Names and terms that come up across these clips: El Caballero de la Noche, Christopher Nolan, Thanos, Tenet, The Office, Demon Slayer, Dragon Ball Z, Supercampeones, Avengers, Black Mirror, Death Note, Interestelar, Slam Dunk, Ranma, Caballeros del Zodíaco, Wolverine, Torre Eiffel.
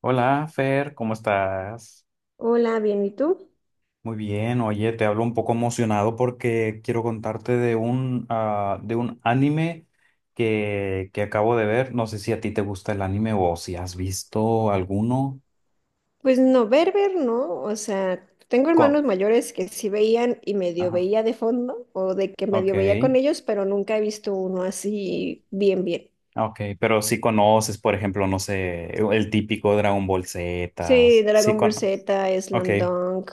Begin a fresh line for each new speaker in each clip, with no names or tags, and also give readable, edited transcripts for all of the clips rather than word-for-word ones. Hola, Fer, ¿cómo estás?
Hola, bien, ¿y tú?
Muy bien, oye, te hablo un poco emocionado porque quiero contarte de de un anime que acabo de ver. No sé si a ti te gusta el anime o si has visto alguno.
Pues no, ver, no. O sea, tengo hermanos
Co-
mayores que sí veían y medio
Ajá,
veía de fondo o de que medio veía con
ok,
ellos, pero nunca he visto uno así bien, bien.
ok, pero si conoces, por ejemplo, no sé, el típico Dragon Ball Z,
Sí,
sí
Dragon Ball
conoces,
Z,
ok,
Slam Dunk,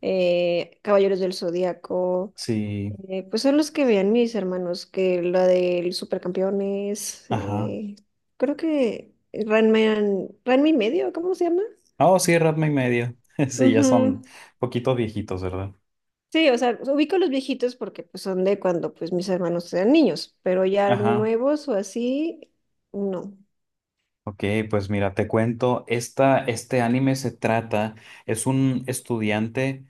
Caballeros del Zodíaco.
sí,
Pues son los que veían mis hermanos, que la del Supercampeones,
ajá.
creo que Ranma, Ranma y medio, ¿cómo se llama?
Oh, sí, Ratma y medio, sí, ya son
Ujú.
poquitos viejitos, ¿verdad?
Sí, o sea, ubico los viejitos porque pues, son de cuando pues mis hermanos eran niños, pero ya
Ajá.
nuevos o así, no.
Ok, pues mira, te cuento, este anime se trata, es un estudiante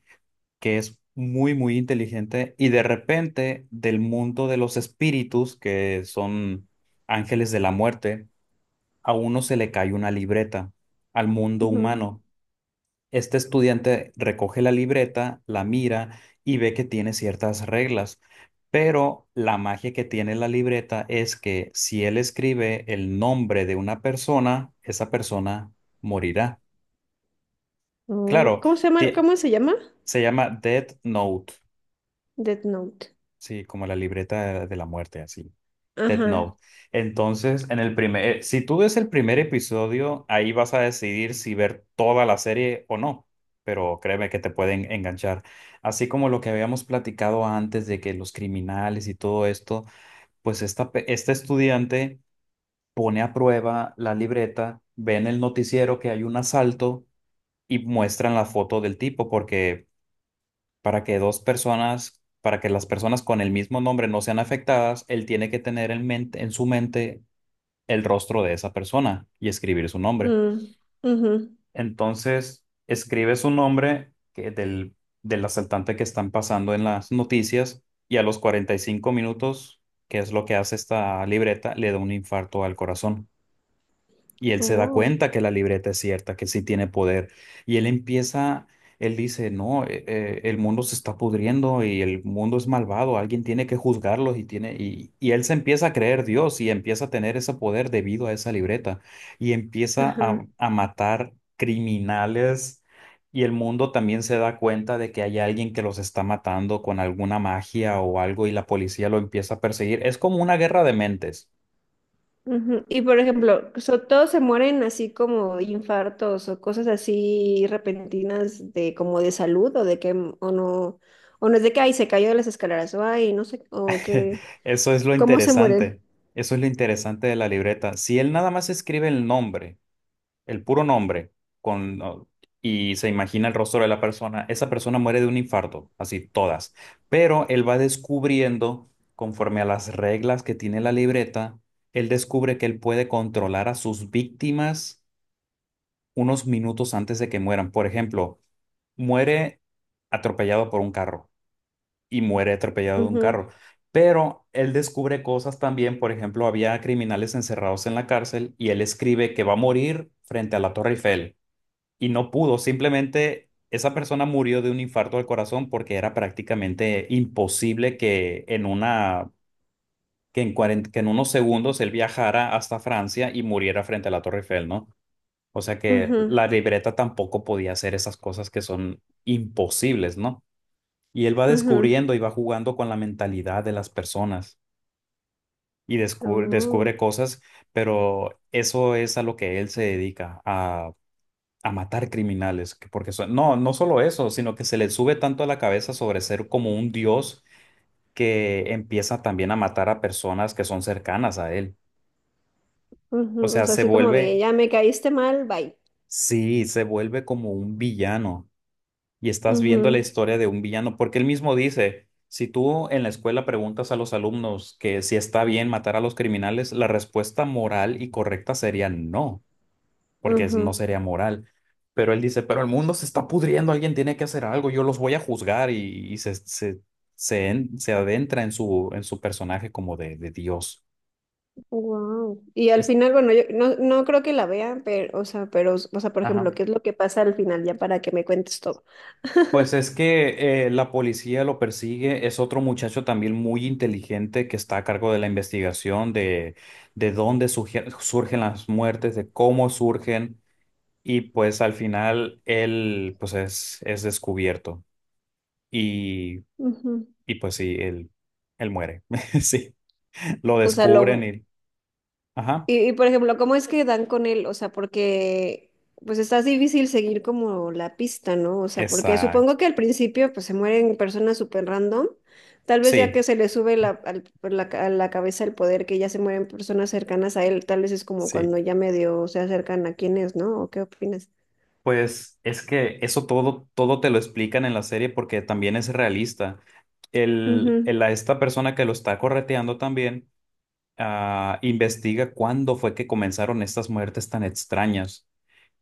que es muy, muy inteligente y de repente del mundo de los espíritus, que son ángeles de la muerte, a uno se le cae una libreta al mundo
Ujú.
humano. Este estudiante recoge la libreta, la mira y ve que tiene ciertas reglas, pero la magia que tiene la libreta es que si él escribe el nombre de una persona, esa persona morirá.
No.
Claro,
¿Cómo se llama?
ti-
¿Cómo se llama?
se llama Death Note,
Death Note.
sí, como la libreta de la muerte, así. Death
Ajá.
Note. Entonces, en el si tú ves el primer episodio, ahí vas a decidir si ver toda la serie o no, pero créeme que te pueden enganchar. Así como lo que habíamos platicado antes de que los criminales y todo esto, pues este estudiante pone a prueba la libreta, ve en el noticiero que hay un asalto y muestran la foto del tipo, porque para que dos personas... Para que las personas con el mismo nombre no sean afectadas, él tiene que tener en mente, en su mente el rostro de esa persona y escribir su nombre.
Mm. Ujú.
Entonces, escribe su nombre del asaltante que están pasando en las noticias y a los 45 minutos, que es lo que hace esta libreta, le da un infarto al corazón. Y él se da
Oh.
cuenta que la libreta es cierta, que sí tiene poder. Y él empieza, él dice, no, el mundo se está pudriendo y el mundo es malvado, alguien tiene que juzgarlos y él se empieza a creer Dios y empieza a tener ese poder debido a esa libreta y empieza
Ajá.
a matar criminales y el mundo también se da cuenta de que hay alguien que los está matando con alguna magia o algo y la policía lo empieza a perseguir. Es como una guerra de mentes.
Ujú. Y por ejemplo, todos se mueren así como de infartos o cosas así repentinas de como de salud o de que o no es de que ay se cayó de las escaleras o ay no sé o que
Eso es lo
cómo se mueren.
interesante. Eso es lo interesante de la libreta. Si él nada más escribe el nombre, el puro nombre, con, o- y se imagina el rostro de la persona, esa persona muere de un infarto, así todas. Pero él va descubriendo, conforme a las reglas que tiene la libreta, él descubre que él puede controlar a sus víctimas unos minutos antes de que mueran. Por ejemplo, muere atropellado por un carro y muere atropellado de un
Ujú,
carro. Pero él descubre cosas también, por ejemplo, había criminales encerrados en la cárcel y él escribe que va a morir frente a la Torre Eiffel y no pudo, simplemente esa persona murió de un infarto al corazón porque era prácticamente imposible que en una que en, cuarenta que en unos segundos él viajara hasta Francia y muriera frente a la Torre Eiffel, ¿no? O sea que
ujú.
la libreta tampoco podía hacer esas cosas que son imposibles, ¿no? Y él va
Ujú.
descubriendo y va jugando con la mentalidad de las personas y
Oh,
descubre cosas, pero eso es a lo que él se dedica, a matar criminales, no, no solo eso, sino que se le sube tanto a la cabeza sobre ser como un dios que empieza también a matar a personas que son cercanas a él. O
ujú. O
sea,
sea, así como de ya me caíste mal, bye.
sí, se vuelve como un villano. Y estás viendo la
Ujú,
historia de un villano, porque él mismo dice, si tú en la escuela preguntas a los alumnos que si está bien matar a los criminales, la respuesta moral y correcta sería no, porque no
ujú.
sería moral. Pero él dice, pero el mundo se está pudriendo, alguien tiene que hacer algo, yo los voy a juzgar y se adentra en su personaje como de Dios.
Wow. Y al
Es,
final, bueno, yo no, no creo que la vea pero, o sea, por ejemplo,
ajá.
¿qué es lo que pasa al final ya para que me cuentes todo?
Pues es que la policía lo persigue, es otro muchacho también muy inteligente que está a cargo de la investigación de dónde surgen las muertes, de cómo surgen y pues al final él es descubierto y,
Ujú.
y pues sí, él muere, sí, lo
O sea,
descubren
lo,
y... Ajá,
y, por ejemplo, ¿cómo es que dan con él? O sea, porque pues está difícil seguir como la pista, ¿no? O sea, porque
exacto,
supongo que al principio pues se mueren personas súper random, tal vez ya
sí,
que se le sube la, por la a la cabeza el poder, que ya se mueren personas cercanas a él, tal vez es como
sí.
cuando ya medio se acercan a quién es, ¿no? ¿O qué opinas?
Pues es que eso todo, todo te lo explican en la serie porque también es realista.
Mhm.
A esta persona que lo está correteando también investiga cuándo fue que comenzaron estas muertes tan extrañas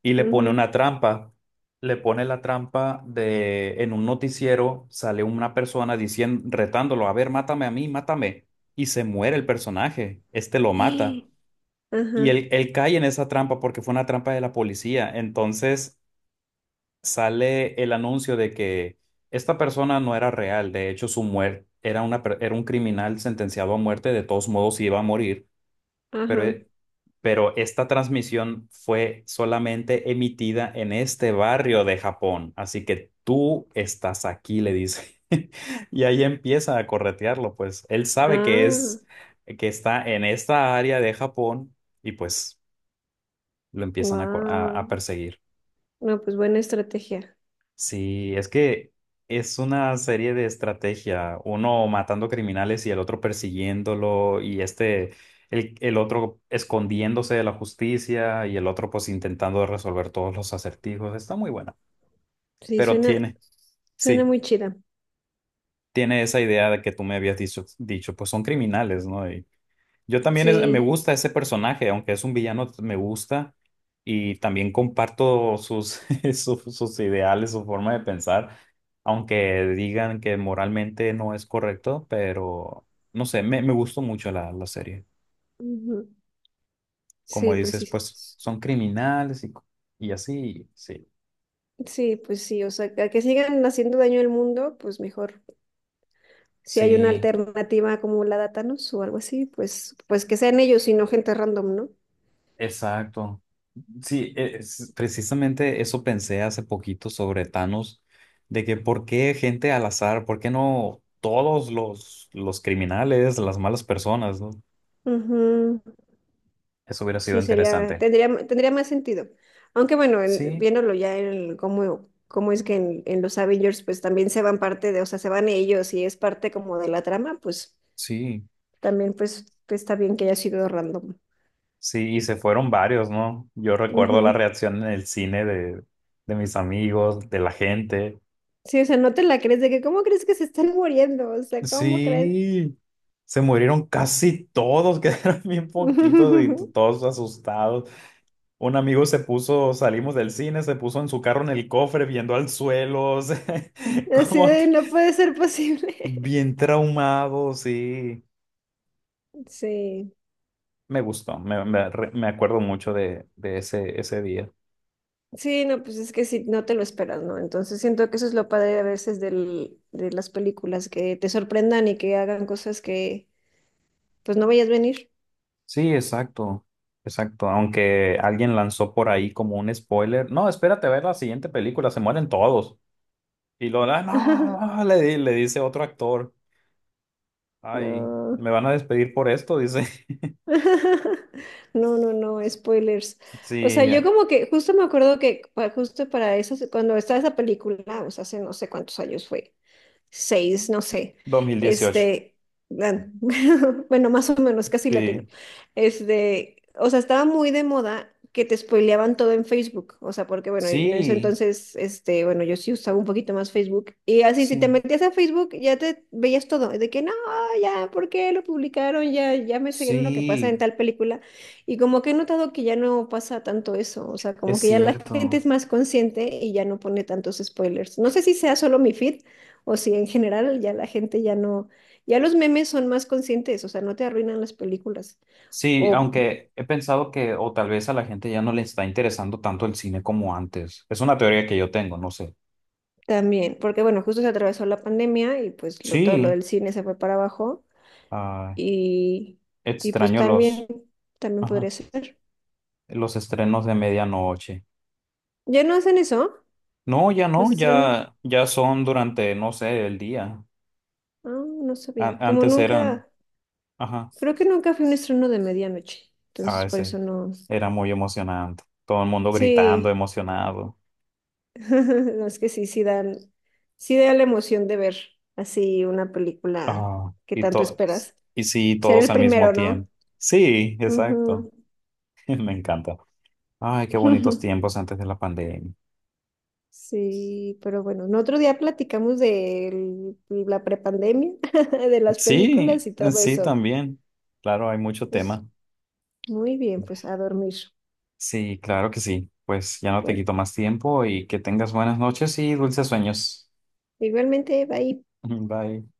y le pone
Mhm.
una trampa. Le pone la trampa de en un noticiero sale una persona diciendo, retándolo, a ver, mátame a mí, mátame. Y se muere el personaje, este lo mata.
Ajá,
Y él cae en esa trampa porque fue una trampa de la policía. Entonces sale el anuncio de que esta persona no era real, de hecho su muerte era una, era un criminal sentenciado a muerte, de todos modos iba a morir,
ajá.
pero, e- pero esta transmisión fue solamente emitida en este barrio de Japón, así que tú estás aquí, le dice. Y ahí empieza a corretearlo, pues él sabe
Ah,
que está en esta área de Japón y pues lo empiezan a, co-
wow.
a perseguir.
No, pues buena estrategia.
Sí, es que es una serie de estrategia, uno matando criminales y el otro persiguiéndolo y el otro escondiéndose de la justicia y el otro pues intentando resolver todos los acertijos. Está muy buena,
Sí,
pero
suena,
tiene,
suena
sí,
muy chida.
tiene esa idea de que tú me habías dicho, pues son criminales, ¿no? Yo también me
Sí.
gusta ese personaje, aunque es un villano, me gusta y también comparto sus, sus ideales, su forma de pensar, aunque digan que moralmente no es correcto, pero no sé, me gustó mucho la serie.
Ujú.
Como
Sí, pues
dices,
sí.
pues son criminales y así, sí,
Sí, pues sí, o sea, que sigan haciendo daño al mundo, pues mejor. Si hay una
sí,
alternativa como la de Thanos o algo así, pues, pues que sean ellos y no gente random, ¿no?
exacto. Sí, precisamente eso pensé hace poquito sobre Thanos, de que por qué gente al azar, por qué no todos los criminales, las malas personas, ¿no?
Ujú,
Eso hubiera sido
sí, sería,
interesante.
tendría, tendría más sentido. Aunque bueno,
Sí,
viéndolo ya en cómo, cómo es que en los Avengers, pues también se van parte de, o sea, se van ellos y es parte como de la trama, pues
sí,
también pues, pues, está bien que haya sido random.
sí, y se fueron varios, ¿no? Yo recuerdo la reacción en el cine de mis amigos, de la gente.
Sí, o sea, no te la crees de que cómo crees que se están muriendo, o sea, ¿cómo crees?
Sí, se murieron casi todos, quedaron bien poquitos y todos asustados. Un amigo se puso, salimos del cine, se puso en su carro en el cofre viendo al suelo, o sea,
Así
como
de
tr-
no puede ser posible.
bien traumado, sí.
Sí,
Me gustó, me acuerdo mucho de ese, ese día.
sí, no, pues es que sí, no te lo esperas, ¿no? Entonces siento que eso es lo padre a veces del, de las películas, que te sorprendan y que hagan cosas que pues no vayas a venir.
Sí, exacto, exacto. Aunque alguien lanzó por ahí como un spoiler. No, espérate a ver la siguiente película, se mueren todos. "Ah, no, no", le dice otro actor. Ay,
No.
me van a despedir por esto, dice.
No, no, no, spoilers. O sea,
Sí,
yo como que justo me acuerdo que justo para eso, cuando estaba esa película, o sea, hace no sé cuántos años fue. Seis, no sé,
2018,
este, gan- bueno, más o menos, casi latino,
sí.
este, o sea, estaba muy de moda que te spoileaban todo en Facebook, o sea, porque bueno, en ese
Sí,
entonces, este, bueno, yo sí usaba un poquito más Facebook, y así, si
sí,
te metías a Facebook, ya te veías todo, de que no, ya, ¿por qué lo publicaron? Ya, ya me sé lo que pasa en
sí,
tal película, y como que he notado que ya no pasa tanto eso, o sea, como
es
que ya la gente es
cierto.
más consciente y ya no pone tantos spoilers, no sé si sea solo mi feed, o si en general ya la gente ya no, ya los memes son más conscientes, o sea, no te arruinan las películas.
Sí,
O
aunque he pensado que o tal vez a la gente ya no le está interesando tanto el cine como antes. Es una teoría que yo tengo, no sé.
también, porque bueno, justo se atravesó la pandemia y pues todo lo
Sí,
del cine se fue para abajo
ah,
y, y pues
extraño
también, también
ajá,
podría ser.
los estrenos de medianoche.
¿Ya no hacen eso?
No, ya
¿Los
no,
estrenos?
ya son durante, no sé, el día.
Ah, no
An-
sabía. Como
antes eran,
nunca,
ajá,
creo que nunca fui un estreno de medianoche,
a
entonces por
veces
eso no.
era muy emocionante. Todo el mundo gritando,
Sí,
emocionado.
no, es que sí, sí dan, sí da la emoción de ver así una película
Ah,
que
y
tanto
todos,
esperas.
y sí,
Ser
todos
el
al mismo
primero, no.
tiempo. Sí, exacto.
Ujú.
Me encanta. Ay, qué bonitos tiempos antes de la pandemia.
Sí, pero bueno, en otro día platicamos de la prepandemia, de las películas
Sí,
y todo
sí,
eso.
también. Claro, hay mucho
Pues
tema.
muy bien, pues a dormir.
Sí, claro que sí. Pues ya no te
Bueno,
quito más tiempo y que tengas buenas noches y dulces sueños.
igualmente, bye.
Bye.